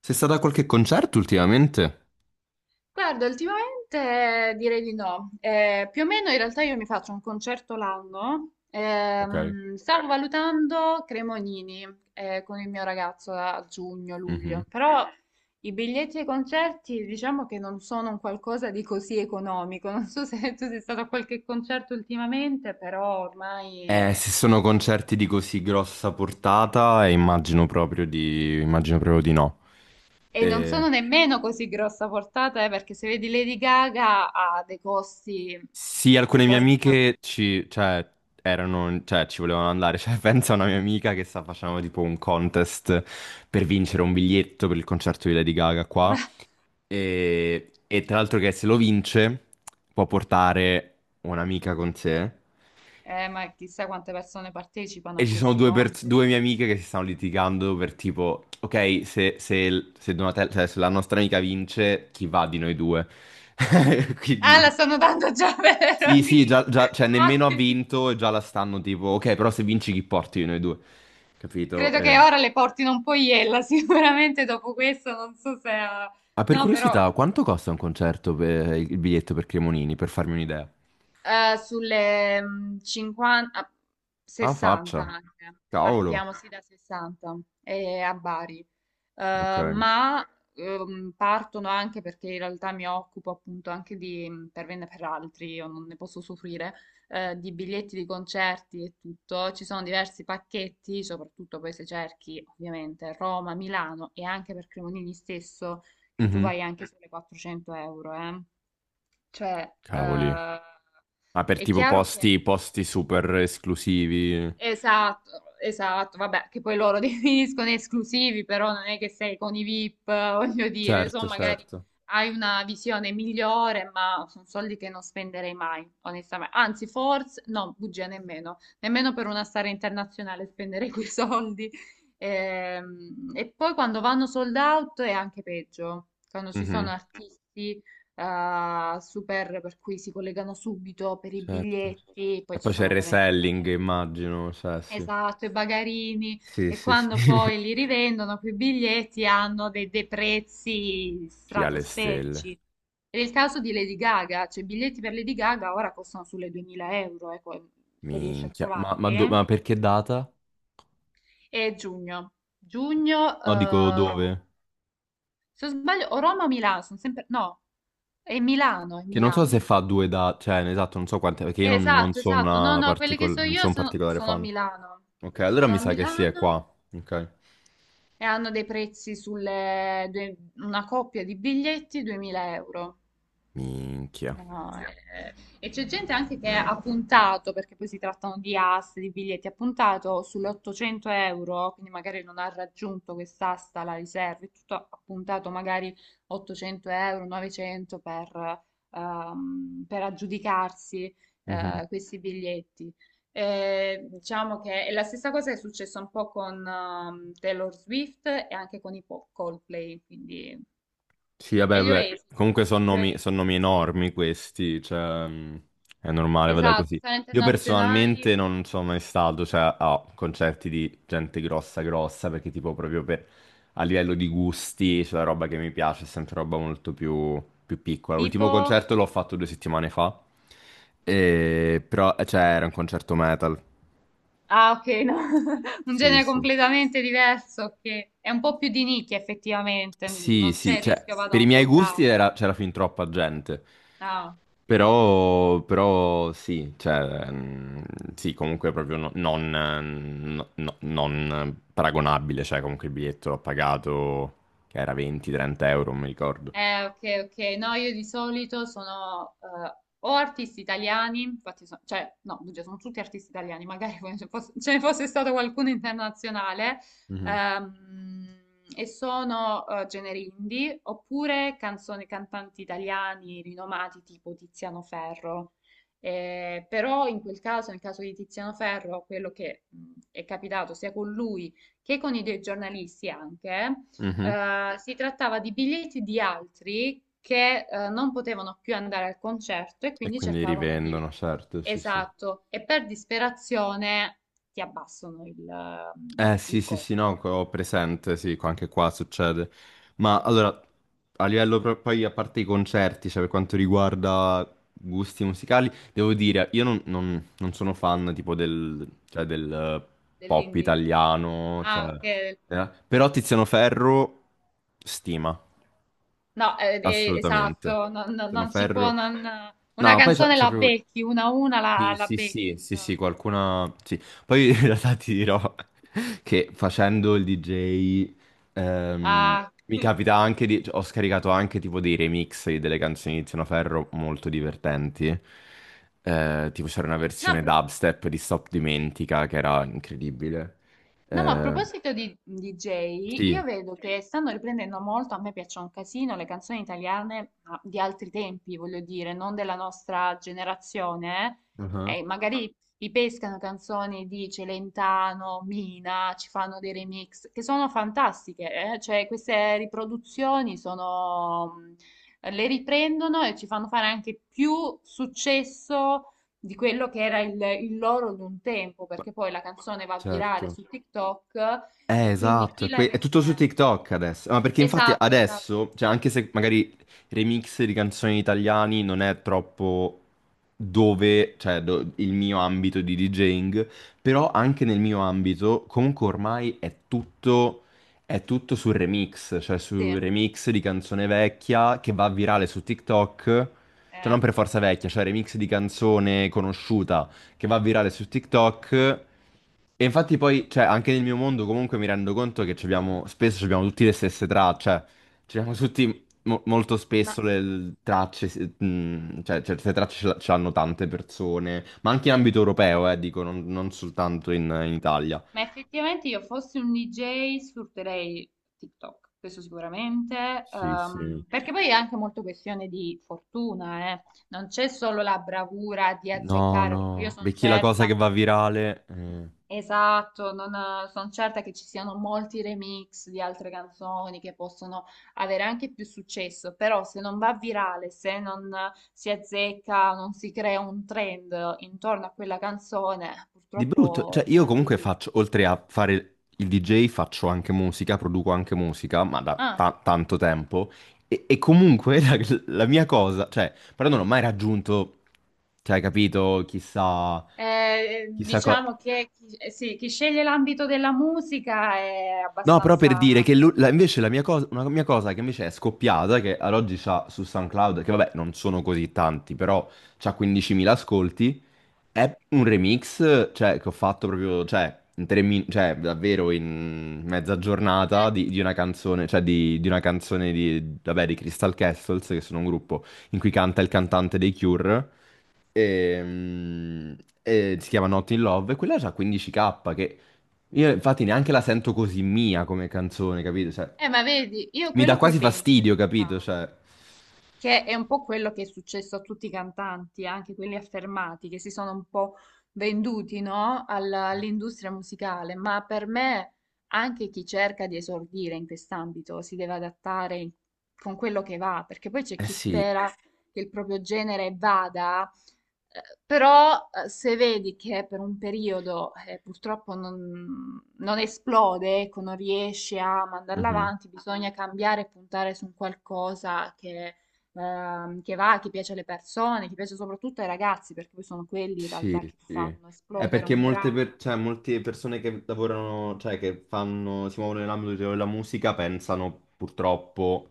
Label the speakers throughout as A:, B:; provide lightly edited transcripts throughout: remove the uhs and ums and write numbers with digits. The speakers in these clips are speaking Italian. A: Sei stata a qualche concerto ultimamente?
B: Guarda, ultimamente direi di no. Più o meno in realtà io mi faccio un concerto l'anno.
A: Ok.
B: Stavo valutando Cremonini con il mio ragazzo a
A: Mhm.
B: giugno-luglio, però i biglietti ai concerti diciamo che non sono un qualcosa di così economico. Non so se tu sei stato a qualche concerto ultimamente, però ormai...
A: Se sono concerti di così grossa portata, immagino proprio immagino proprio di no.
B: E non sono
A: Eh,
B: nemmeno così grossa portata, perché se vedi Lady Gaga ha dei costi
A: sì, alcune mie
B: esorbitanti.
A: amiche cioè, cioè, ci volevano andare. Cioè, pensa a una mia amica che sta facendo tipo un contest per vincere un biglietto per il concerto di Lady Gaga qua. E tra l'altro che se lo vince può portare un'amica con sé.
B: Ma chissà quante persone partecipano
A: E
B: a
A: ci sono
B: questi
A: due,
B: contest.
A: due mie amiche che si stanno litigando per tipo, ok, se Donatella, cioè se la nostra amica vince, chi va di noi due?
B: Ah, la
A: Quindi,
B: stanno dando già per
A: sì, sì,
B: amici.
A: cioè
B: Ah,
A: nemmeno ha
B: che-
A: vinto e già la stanno tipo, ok, però se vinci chi porti di noi due? Capito?
B: Credo che ora le portino un po' iella, sicuramente dopo questo non so se...
A: Ma per
B: No, però
A: curiosità, quanto costa un concerto per il biglietto per Cremonini, per farmi un'idea?
B: sulle 50,
A: Alla
B: 60
A: faccia.
B: anche.
A: Cavolo.
B: Partiamo sì da 60 e a Bari.
A: Ok.
B: Eh, ma Partono anche perché in realtà mi occupo appunto anche di per me per altri, io non ne posso soffrire, di biglietti di concerti e tutto. Ci sono diversi pacchetti, soprattutto poi se cerchi ovviamente Roma, Milano e anche per Cremonini stesso, che tu
A: Mhm.
B: vai anche sulle 400 euro, eh. Cioè,
A: Cavoli.
B: eh,
A: Ma per
B: è
A: tipo
B: chiaro che
A: posti super esclusivi.
B: esatto, esatto, vabbè, che poi loro definiscono esclusivi, però non è che sei con i VIP, voglio dire,
A: Certo,
B: insomma, magari
A: certo.
B: hai una visione migliore, ma sono soldi che non spenderei mai, onestamente. Anzi, forse, no, bugia nemmeno, nemmeno per una star internazionale spenderei quei soldi. E poi quando vanno sold out è anche peggio, quando ci sono
A: Mhm,
B: artisti super per cui si collegano subito per i
A: certo.
B: biglietti,
A: E
B: poi ci
A: poi c'è
B: sono
A: il
B: ovviamente i bagagli.
A: reselling, immagino, cioè sì.
B: Esatto, i bagarini
A: Sì,
B: e
A: sì, sì.
B: quando poi li rivendono, quei biglietti hanno dei prezzi
A: Sì, alle
B: stratosferici.
A: stelle.
B: Ed è il caso di Lady Gaga, cioè i biglietti per Lady Gaga ora costano sulle 2000 euro, ecco, se riesci a
A: Minchia. Ma, ma
B: trovarli.
A: do- ma perché data?
B: E giugno, giugno,
A: No, dico dove?
B: Roma. Se non sbaglio, o Roma o Milano, sono sempre... No, è Milano, è
A: Che non so se
B: Milano.
A: fa due date, cioè, esatto, non so quante, perché io non
B: Esatto,
A: sono
B: esatto. No, no, quelli che so
A: non
B: io
A: sono un particolare
B: sono a
A: fan.
B: Milano.
A: Ok, allora
B: Sono
A: mi
B: a
A: sa che sì, è qua.
B: Milano.
A: Ok.
B: E hanno dei prezzi sulle due- una coppia di biglietti 2000 euro.
A: Minchia.
B: No, eh. E c'è gente anche che ha puntato, perché poi si trattano di aste, di biglietti, ha puntato sull'800 euro, quindi magari non ha raggiunto quest'asta, la riserva, e tutto ha puntato magari 800 euro, 900 per aggiudicarsi questi biglietti. E diciamo che è la stessa cosa che è successa un po' con Taylor Swift e anche con Coldplay, quindi...
A: Sì,
B: E
A: vabbè,
B: gli
A: vabbè.
B: Oasis,
A: Comunque
B: gli Oasis.
A: son nomi enormi questi, cioè è normale, vada
B: Esatto,
A: così.
B: sono
A: Io
B: internazionali,
A: personalmente non sono mai stato, cioè, a concerti di gente grossa grossa, perché tipo proprio per, a livello di gusti, cioè la roba che mi piace è sempre roba molto più piccola. L'ultimo
B: tipo...
A: concerto l'ho fatto due settimane fa, però, cioè, era un concerto metal.
B: Ah, ok, no. Un
A: Sì,
B: genere
A: sì.
B: completamente diverso che è un po' più di nicchia effettivamente,
A: Sì,
B: non c'è
A: sì,
B: il
A: cioè,
B: rischio vada
A: per i
B: un
A: miei
B: sold
A: gusti
B: out.
A: c'era fin troppa gente.
B: Ah.
A: Però sì, cioè, sì, comunque proprio no- non, no- no- non paragonabile, cioè comunque il biglietto l'ho pagato, che era 20-30 euro, non mi ricordo.
B: Ok, ok. No, io di solito sono o artisti italiani, cioè, no, bugia, sono tutti artisti italiani, magari poi ce ne fosse stato qualcuno internazionale,
A: Mhm.
B: ehm, e sono generi indie, oppure canzoni, cantanti italiani rinomati tipo Tiziano Ferro. Però in quel caso, nel caso di Tiziano Ferro, quello che è capitato sia con lui che con i dei giornalisti anche,
A: Mhm.
B: si trattava di biglietti di altri che non potevano più andare al concerto e
A: E
B: quindi
A: quindi
B: cercavano di
A: rivendono,
B: venire.
A: certo, sì, sì.
B: Esatto, e per disperazione ti abbassano
A: Eh sì,
B: il
A: sì, sì, no,
B: costo
A: ho presente, sì, anche qua succede. Ma allora, a livello poi, a parte i concerti, cioè per quanto riguarda gusti musicali, devo dire, io non sono fan tipo del, cioè, del pop
B: dell'indie.
A: italiano,
B: Ah,
A: cioè,
B: ok.
A: però Tiziano Ferro, stima
B: No,
A: assolutamente.
B: esatto,
A: Sono
B: non si può,
A: ferro.
B: non- una
A: No, poi c'è
B: canzone
A: c'è
B: la
A: proprio...
B: becchi, una a una
A: Sì,
B: la
A: sì,
B: becchi,
A: sì, sì,
B: insomma.
A: sì, qualcuna... Sì. Poi in realtà ti dirò che facendo il DJ ehm,
B: Ah.
A: mi capita anche cioè, ho scaricato anche tipo dei remix di delle canzoni di Tiziano Ferro molto divertenti. Tipo c'era una
B: No.
A: versione dubstep di Stop Dimentica che era incredibile.
B: No, ma a
A: Eh,
B: proposito di DJ, io
A: sì.
B: vedo che stanno riprendendo molto, a me piacciono un casino le canzoni italiane ma di altri tempi, voglio dire, non della nostra generazione.
A: Uh-huh.
B: Eh, e magari ripescano canzoni di Celentano, Mina, ci fanno dei remix, che sono fantastiche, eh. Cioè, queste riproduzioni sono... le riprendono e ci fanno fare anche più successo di quello che era il loro di un tempo,
A: Ma-
B: perché poi la canzone va virale
A: Certo.
B: su TikTok e quindi
A: Esatto,
B: chi l'ha
A: è
B: resa...
A: tutto su TikTok adesso. Ma perché infatti
B: esatto, esatto,
A: adesso, cioè anche se magari remix di canzoni italiani non è troppo dove, cioè il mio ambito di DJing, però anche nel mio ambito comunque ormai è tutto sul remix, cioè su
B: sì.
A: remix di canzone vecchia che va virale su TikTok, cioè non
B: eh,
A: per forza vecchia, cioè remix di canzone conosciuta che va virale su TikTok. E infatti poi, cioè, anche nel mio mondo comunque mi rendo conto che ci abbiamo, spesso ci abbiamo tutti le stesse tracce, cioè, ci abbiamo tutti molto spesso
B: ma,
A: le tracce, cioè, certe tracce ce l'hanno tante persone, ma anche in ambito europeo, dico, non soltanto in Italia.
B: ma effettivamente io fossi un DJ sfrutterei TikTok, questo sicuramente,
A: Sì, sì.
B: perché poi è anche molto questione di fortuna, eh. Non c'è solo la bravura di
A: No,
B: azzeccare, perché io
A: no,
B: sono
A: perché la cosa che
B: certa
A: va virale....
B: esatto, non, sono certa che ci siano molti remix di altre canzoni che possono avere anche più successo, però se non va virale, se non si azzecca, non si crea un trend intorno a quella canzone,
A: Di brutto,
B: purtroppo
A: cioè io
B: rimane
A: comunque
B: lì.
A: faccio, oltre a fare il DJ, faccio anche musica, produco anche musica, ma da
B: Ah,
A: tanto tempo, e comunque la mia cosa, cioè, però non ho mai raggiunto, cioè, hai capito, chissà, chissà cosa...
B: diciamo che sì, chi sceglie l'ambito della musica è
A: No, però per dire
B: abbastanza...
A: che invece una mia cosa che invece è scoppiata, che ad oggi c'ha su SoundCloud, che vabbè non sono così tanti, però c'ha 15.000 ascolti. È un remix, cioè, che ho fatto proprio, cioè, cioè, davvero in mezza
B: Eh,
A: giornata di una canzone, cioè, di una canzone di, vabbè, di Crystal Castles, che sono un gruppo in cui canta il cantante dei Cure, e, mm, e si chiama Not in Love, e quella ha 15K, che io infatti neanche la sento così mia come canzone, capito? Cioè,
B: ma vedi, io
A: mi dà
B: quello che
A: quasi
B: penso...
A: fastidio, capito? Cioè,
B: Che è un po' quello che è successo a tutti i cantanti, anche quelli affermati, che si sono un po' venduti, no? All'industria musicale, ma per me anche chi cerca di esordire in quest'ambito si deve adattare con quello che va, perché poi c'è
A: eh
B: chi
A: sì.
B: spera che il proprio genere vada, però se vedi che per un periodo purtroppo non esplode, ecco, non riesce a mandarla
A: Mhm.
B: avanti, bisogna cambiare e puntare su un qualcosa che va, che piace alle persone, che piace soprattutto ai ragazzi, perché poi sono quelli in
A: Sì,
B: realtà che ti
A: sì.
B: fanno
A: È
B: esplodere
A: perché
B: un brano.
A: cioè, molte persone che lavorano, cioè che fanno, si muovono nell'ambito della musica pensano purtroppo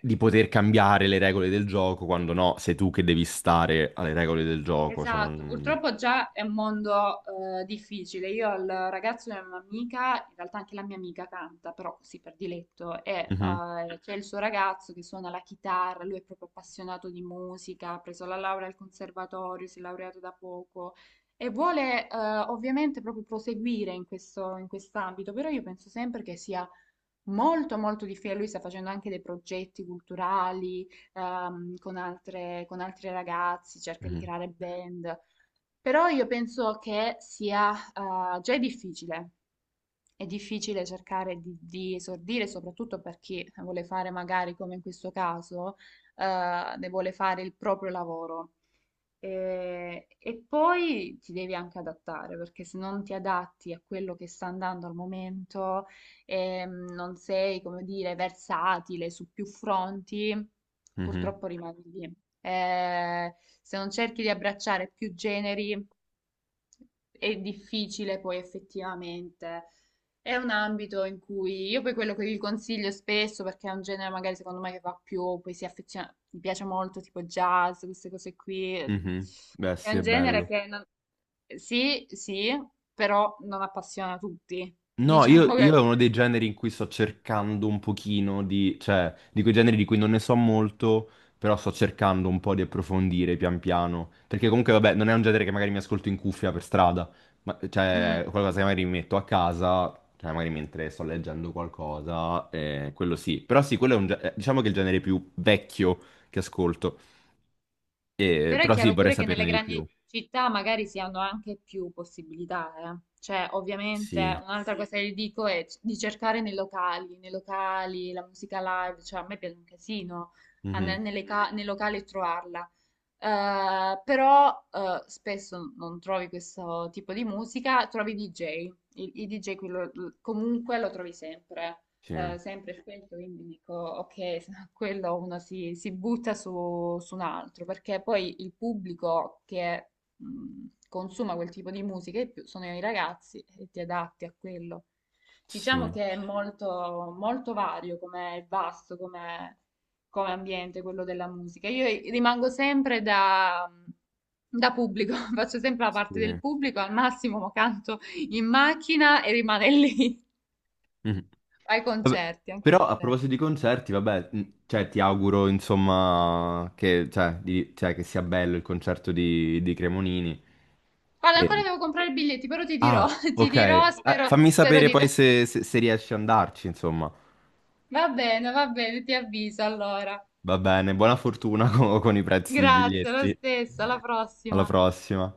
A: di poter cambiare le regole del gioco, quando no, sei tu che devi stare alle regole del gioco. Cioè
B: Esatto,
A: non...
B: purtroppo già è un mondo difficile. Io al ragazzo di un'amica, in realtà anche la mia amica canta, però così per diletto, e
A: Mhm,
B: c'è il suo ragazzo che suona la chitarra, lui è proprio appassionato di musica, ha preso la laurea al conservatorio, si è laureato da poco e vuole ovviamente proprio proseguire in questo, in quest'ambito, però io penso sempre che sia molto molto difficile. Lui sta facendo anche dei progetti culturali con altre, con altri ragazzi, cerca di
A: mhm,
B: creare band, però io penso che sia già è difficile. È difficile cercare di esordire, soprattutto per chi vuole fare magari come in questo caso, ne vuole fare il proprio lavoro. E poi ti devi anche adattare, perché se non ti adatti a quello che sta andando al momento, non sei, come dire, versatile su più fronti,
A: mhm,
B: purtroppo rimani lì. Eh, Se non cerchi di abbracciare più generi, è difficile poi effettivamente. È un ambito in cui io poi quello che vi consiglio spesso, perché è un genere magari secondo me che va più, poi si affeziona, mi piace molto tipo jazz, queste cose qui.
A: mhm. Beh,
B: È
A: sì, è
B: un genere
A: bello.
B: che non- sì, sì, però non appassiona tutti.
A: No, io,
B: Diciamo che...
A: io è
B: No.
A: uno dei generi in cui sto cercando un pochino di, cioè, di quei generi di cui non ne so molto, però sto cercando un po' di approfondire pian piano, perché comunque, vabbè, non è un genere che magari mi ascolto in cuffia per strada, ma, cioè, è
B: Mm.
A: qualcosa che magari mi metto a casa, cioè, magari mentre sto leggendo qualcosa, quello sì, però sì, quello è diciamo che è il genere più vecchio che ascolto.
B: Però è
A: Però sì,
B: chiaro
A: vorrei
B: pure che nelle
A: saperne di
B: grandi
A: più.
B: città magari si hanno anche più possibilità, eh. Cioè, ovviamente,
A: Sì,
B: un'altra sì, cosa che dico è di cercare nei locali, la musica live, cioè a me piace un casino andare
A: mhm.
B: nei locali e trovarla. Però Spesso non trovi questo tipo di musica, trovi DJ, il DJ quello- comunque lo trovi sempre,
A: Sì,
B: sempre e spesso, quindi dico ok, no quello uno si butta su, su un altro, perché poi il pubblico che consuma quel tipo di musica di più sono i ragazzi e ti adatti a quello. Diciamo
A: sì,
B: che è molto, molto vario come è vasto, come ambiente, quello della musica. Io rimango sempre da pubblico, faccio sempre la parte del
A: sì.
B: pubblico, al massimo canto in macchina e rimane lì
A: Mhm.
B: ai
A: Vabbè,
B: concerti, anche ai
A: però a proposito
B: concerti.
A: di concerti, vabbè, cioè, ti auguro insomma che, cioè, cioè, che sia bello il concerto di Cremonini.
B: Guarda, ancora
A: E-
B: devo comprare i biglietti, però ti dirò,
A: Ah,
B: ti
A: ok.
B: dirò, spero,
A: Fammi
B: spero
A: sapere
B: di
A: poi
B: te.
A: se riesci ad andarci, insomma.
B: Va bene, ti avviso allora.
A: Va bene, buona fortuna con i prezzi dei
B: Grazie, lo
A: biglietti.
B: stesso, alla
A: Alla
B: prossima.
A: prossima.